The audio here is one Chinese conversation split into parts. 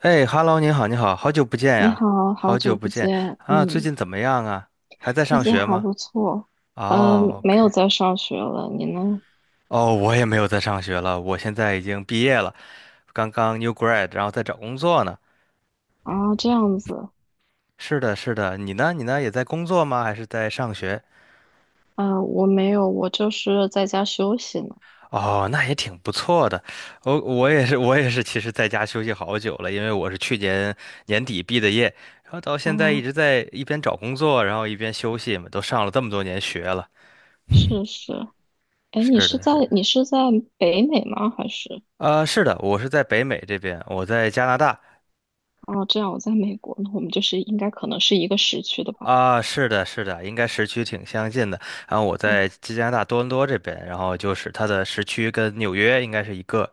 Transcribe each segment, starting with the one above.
哎，Hello，你好，你好，好久不见你呀，好，好好久久不不见见，啊，最嗯，近怎么样啊？还在最上近学还吗？不错。嗯，哦没有，OK，在上学了，你呢？哦，我也没有在上学了，我现在已经毕业了，刚刚 new grad，然后在找工作呢。啊，这样子。是的，是的，你呢？你呢？也在工作吗？还是在上学？啊，我没有，我就是在家休息呢。哦，那也挺不错的。我也是，我也是，其实在家休息好久了，因为我是去年年底毕的业，然后到现在一啊，直在一边找工作，然后一边休息嘛，都上了这么多年学了。是是。哎，你是是的，在是的。你是在北美吗？还是？是的，我是在北美这边，我在加拿大哦，这样，我在美国，那我们就是应该可能是一个时区的吧？啊，是的，是的，应该时区挺相近的。然后我嗯。在加拿大多伦多这边，然后就是它的时区跟纽约应该是一个。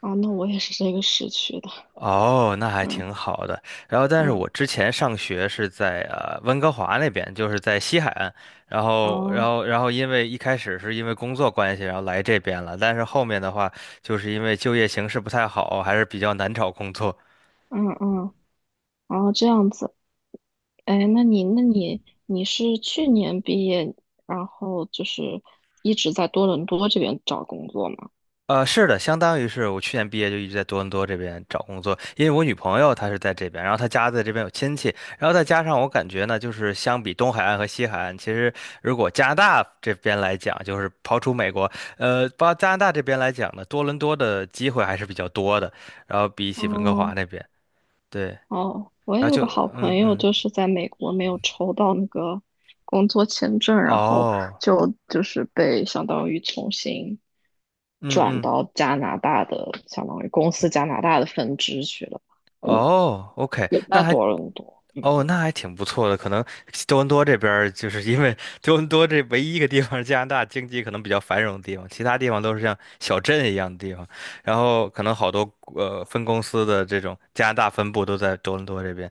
啊，那我也是这个时区的。哦，那还嗯挺好的。然后，但是嗯。我之前上学是在温哥华那边，就是在西海岸。然后，然哦。后，然后因为一开始是因为工作关系，然后来这边了。但是后面的话，就是因为就业形势不太好，还是比较难找工作。嗯嗯。哦，这样子。哎，那你是去年毕业，然后就是一直在多伦多这边找工作吗？是的，相当于是我去年毕业就一直在多伦多这边找工作，因为我女朋友她是在这边，然后她家在这边有亲戚，然后再加上我感觉呢，就是相比东海岸和西海岸，其实如果加拿大这边来讲，就是刨除美国，包加拿大这边来讲呢，多伦多的机会还是比较多的，然后比起温哥华哦那边，对，哦，我然也后有就个好朋嗯友，嗯，就是在美国没有抽到那个工作签证，然后哦，就是被相当于重新嗯转嗯。到加拿大的，相当于公司加拿大的分支去了，哦，OK，也在多伦多。嗯。哦，那还挺不错的。可能多伦多这边儿，就是因为多伦多这唯一一个地方，加拿大经济可能比较繁荣的地方，其他地方都是像小镇一样的地方。然后可能好多分公司的这种加拿大分部都在多伦多这边。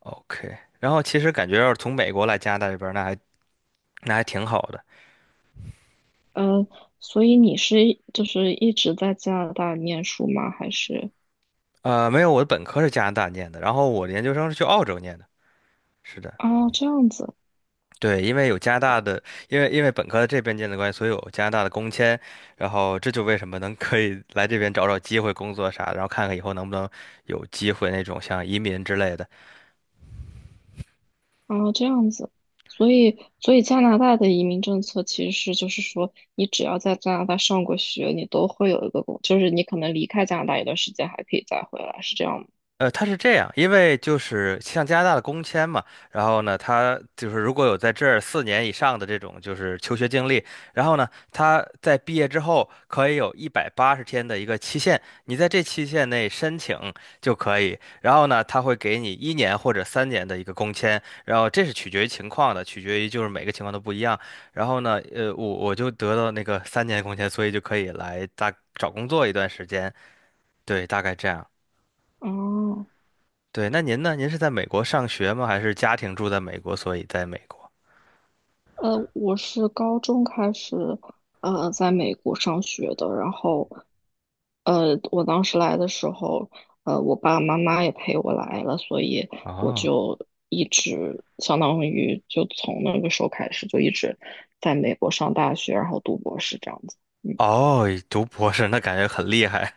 OK，然后其实感觉要是从美国来加拿大这边儿那还挺好的。呃，所以你是就是一直在加拿大念书吗？还是？没有，我的本科是加拿大念的，然后我的研究生是去澳洲念的。是的。哦，这样子，对，因为有加拿大的，因为本科在这边建的关系，所以有加拿大的工签，然后这就为什么能可以来这边找找机会工作啥，然后看看以后能不能有机会那种像移民之类的。哦，这样子。所以加拿大的移民政策其实是，就是说，你只要在加拿大上过学，你都会有一个工，就是你可能离开加拿大一段时间，还可以再回来，是这样吗？它是这样，因为就是像加拿大的工签嘛，然后呢，他就是如果有在这儿4年以上的这种就是求学经历，然后呢，他在毕业之后可以有180天的一个期限，你在这期限内申请就可以，然后呢，他会给你一年或者三年的一个工签，然后这是取决于情况的，取决于就是每个情况都不一样，然后呢，我就得到那个三年工签，所以就可以来大找工作一段时间，对，大概这样。哦。对，那您呢？您是在美国上学吗？还是家庭住在美国，所以在美国？我是高中开始，在美国上学的。然后，我当时来的时候，我爸爸妈妈也陪我来了，所以我哦就一直相当于就从那个时候开始就一直在美国上大学，然后读博士这样子。嗯。哦，读博士那感觉很厉害。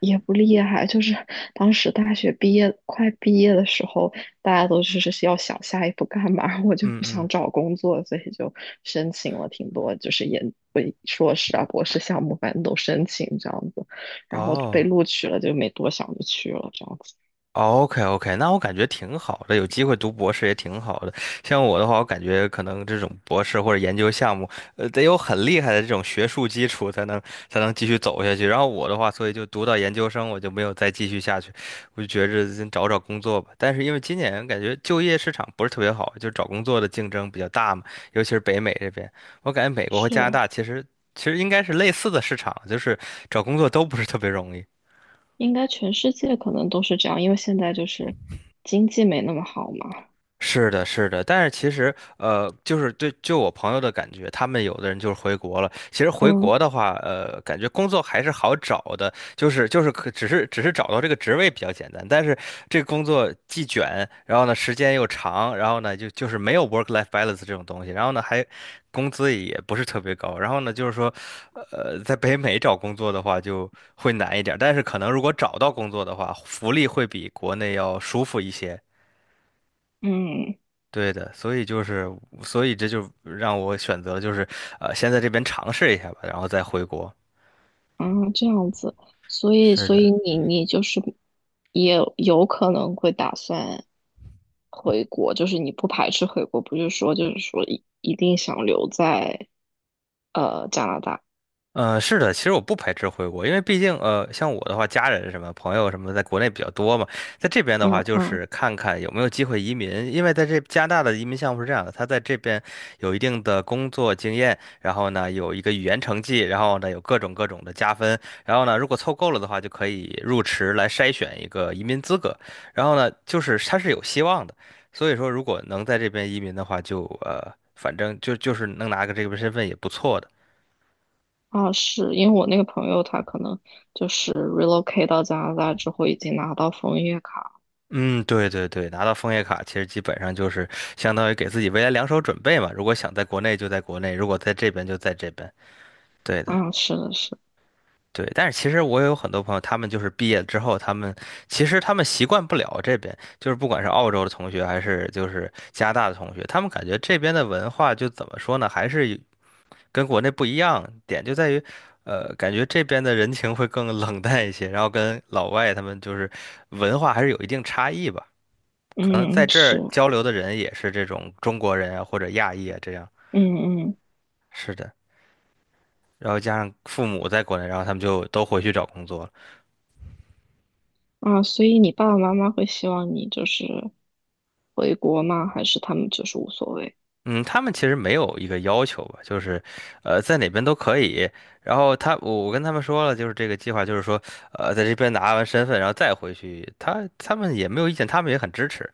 也不厉害，就是当时大学毕业快毕业的时候，大家都就是要想下一步干嘛，我就嗯不想嗯，找工作，所以就申请了挺多，就是硕士啊、博士项目，反正都申请这样子，然后被哦，录取了，就没多想就去了这样子。OK OK，那我感觉挺好的，有机会读博士也挺好的。像我的话，我感觉可能这种博士或者研究项目，得有很厉害的这种学术基础，才能继续走下去。然后我的话，所以就读到研究生，我就没有再继续下去，我就觉着先找找工作吧。但是因为今年感觉就业市场不是特别好，就找工作的竞争比较大嘛，尤其是北美这边，我感觉美国和是。加拿大其实应该是类似的市场，就是找工作都不是特别容易。应该全世界可能都是这样，因为现在就是经济没那么好嘛。是的，是的，但是其实，就是对，就我朋友的感觉，他们有的人就是回国了。其实回国嗯的话，感觉工作还是好找的，就是可只是只是找到这个职位比较简单，但是这个工作既卷，然后呢时间又长，然后呢就是没有 work-life balance 这种东西，然后呢还工资也不是特别高，然后呢就是说，在北美找工作的话就会难一点儿。但是可能如果找到工作的话，福利会比国内要舒服一些。嗯。对的，所以就是，所以这就让我选择就是，先在这边尝试一下吧，然后再回国。啊，这样子，所以，是所以的。你就是也有可能会打算回国，就是你不排斥回国，不是说就是说一定想留在加拿大。是的，其实我不排斥回国，因为毕竟像我的话，家人什么朋友什么在国内比较多嘛，在这边的话，嗯就嗯。是看看有没有机会移民，因为在这加拿大的移民项目是这样的，他在这边有一定的工作经验，然后呢有一个语言成绩，然后呢有各种各种的加分，然后呢如果凑够了的话，就可以入池来筛选一个移民资格，然后呢就是他是有希望的，所以说如果能在这边移民的话就，反正就是能拿个这个身份也不错的。啊，是因为我那个朋友他可能就是 relocate 到加拿大之后已经拿到枫叶卡。嗯，对对对，拿到枫叶卡其实基本上就是相当于给自己未来两手准备嘛。如果想在国内就在国内，如果在这边就在这边。对的，啊，是的是。对。但是其实我也有很多朋友，他们就是毕业之后，其实他们习惯不了这边，就是不管是澳洲的同学还是就是加拿大的同学，他们感觉这边的文化就怎么说呢，还是跟国内不一样。点就在于，感觉这边的人情会更冷淡一些，然后跟老外他们就是文化还是有一定差异吧。可能在嗯这是。儿交流的人也是这种中国人啊，或者亚裔啊，这样。嗯嗯是的，然后加上父母在国内，然后他们就都回去找工作了。啊，所以你爸爸妈妈会希望你就是回国吗？还是他们就是无所谓？嗯，他们其实没有一个要求吧，就是，在哪边都可以。然后我跟他们说了，就是这个计划，就是说，在这边拿完身份，然后再回去。他们也没有意见，他们也很支持。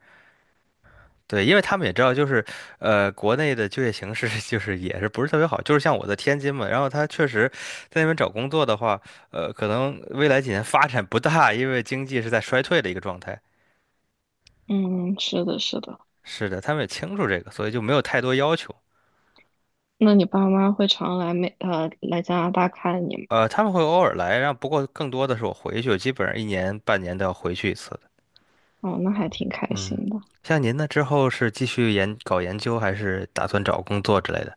对，因为他们也知道，就是国内的就业形势 就是也是不是特别好，就是像我在天津嘛，然后他确实在那边找工作的话，可能未来几年发展不大，因为经济是在衰退的一个状态。嗯，是的，是的。是的，他们也清楚这个，所以就没有太多要求。那你爸妈会常来加拿大看你吗？他们会偶尔来，然后不过更多的是我回去，我基本上一年半年都要回去一次的。哦，那还挺开嗯，心的。像您呢，之后是继续搞研究，还是打算找工作之类的？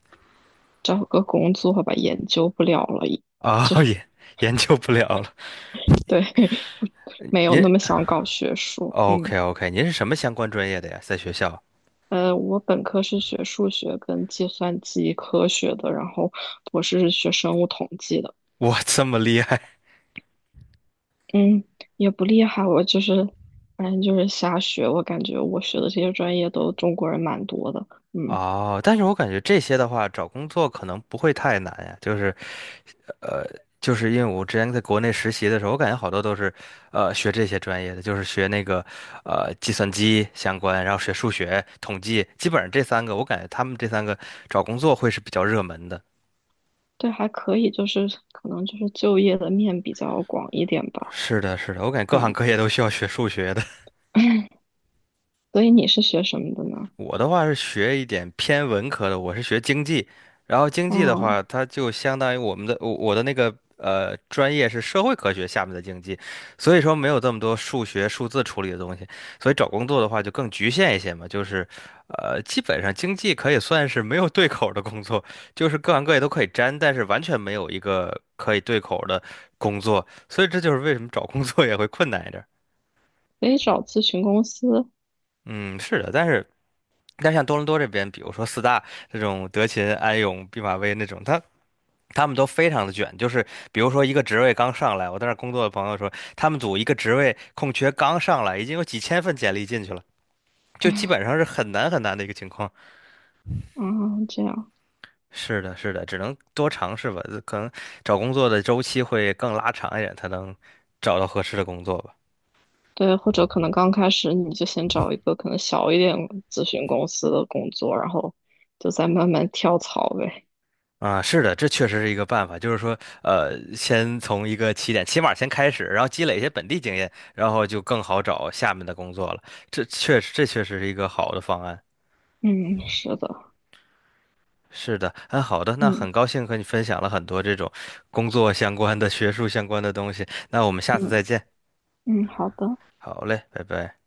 找个工作吧，研究不了了已。啊、也研究不了了。对，没有您 那么想搞学术。嗯。OK OK，您是什么相关专业的呀？在学校？我本科是学数学跟计算机科学的，然后博士是学生物统计的。哇，这么厉害嗯，也不厉害，我就是反正就是瞎学。我感觉我学的这些专业都中国人蛮多的。嗯，哦！但是我感觉这些的话，找工作可能不会太难呀。就是，呃，就是因为我之前在国内实习的时候，我感觉好多都是，学这些专业的，就是学那个，计算机相关，然后学数学、统计，基本上这三个，我感觉他们这三个找工作会是比较热门的。对，还可以，就是可能就是就业的面比较广一点吧。是的，是的，我感觉各行嗯。各业都需要学数学的。所以你是学什么的呢？我的话是学一点偏文科的，我是学经济，然后经济的话，啊，它就相当于我的那个专业是社会科学下面的经济，所以说没有这么多数学数字处理的东西，所以找工作的话就更局限一些嘛，就是基本上经济可以算是没有对口儿的工作，就是各行各业都可以沾，但是完全没有一个可以对口儿的工作，所以这就是为什么找工作也会困难一点儿。可以找咨询公司嗯，是的，但像多伦多这边，比如说四大这种德勤、安永、毕马威那种，他们都非常的卷。就是比如说一个职位刚上来，我在那儿工作的朋友说，他们组一个职位空缺刚上来，已经有几千份简历进去了，就基本上是很难很难的一个情况。啊，这样是的，是的，只能多尝试吧，可能找工作的周期会更拉长一点，才能找到合适的工作吧。对。或者可能刚开始你就先找一个可能小一点咨询公司的工作，然后就再慢慢跳槽呗。啊，是的，这确实是一个办法，就是说，先从一个起点，起码先开始，然后积累一些本地经验，然后就更好找下面的工作了。这确实是一个好的方案。嗯，是的。是的，嗯，好的，那嗯很高兴和你分享了很多这种工作相关的、学术相关的东西。那我们下次再嗯见。嗯。好的。好嘞，拜拜。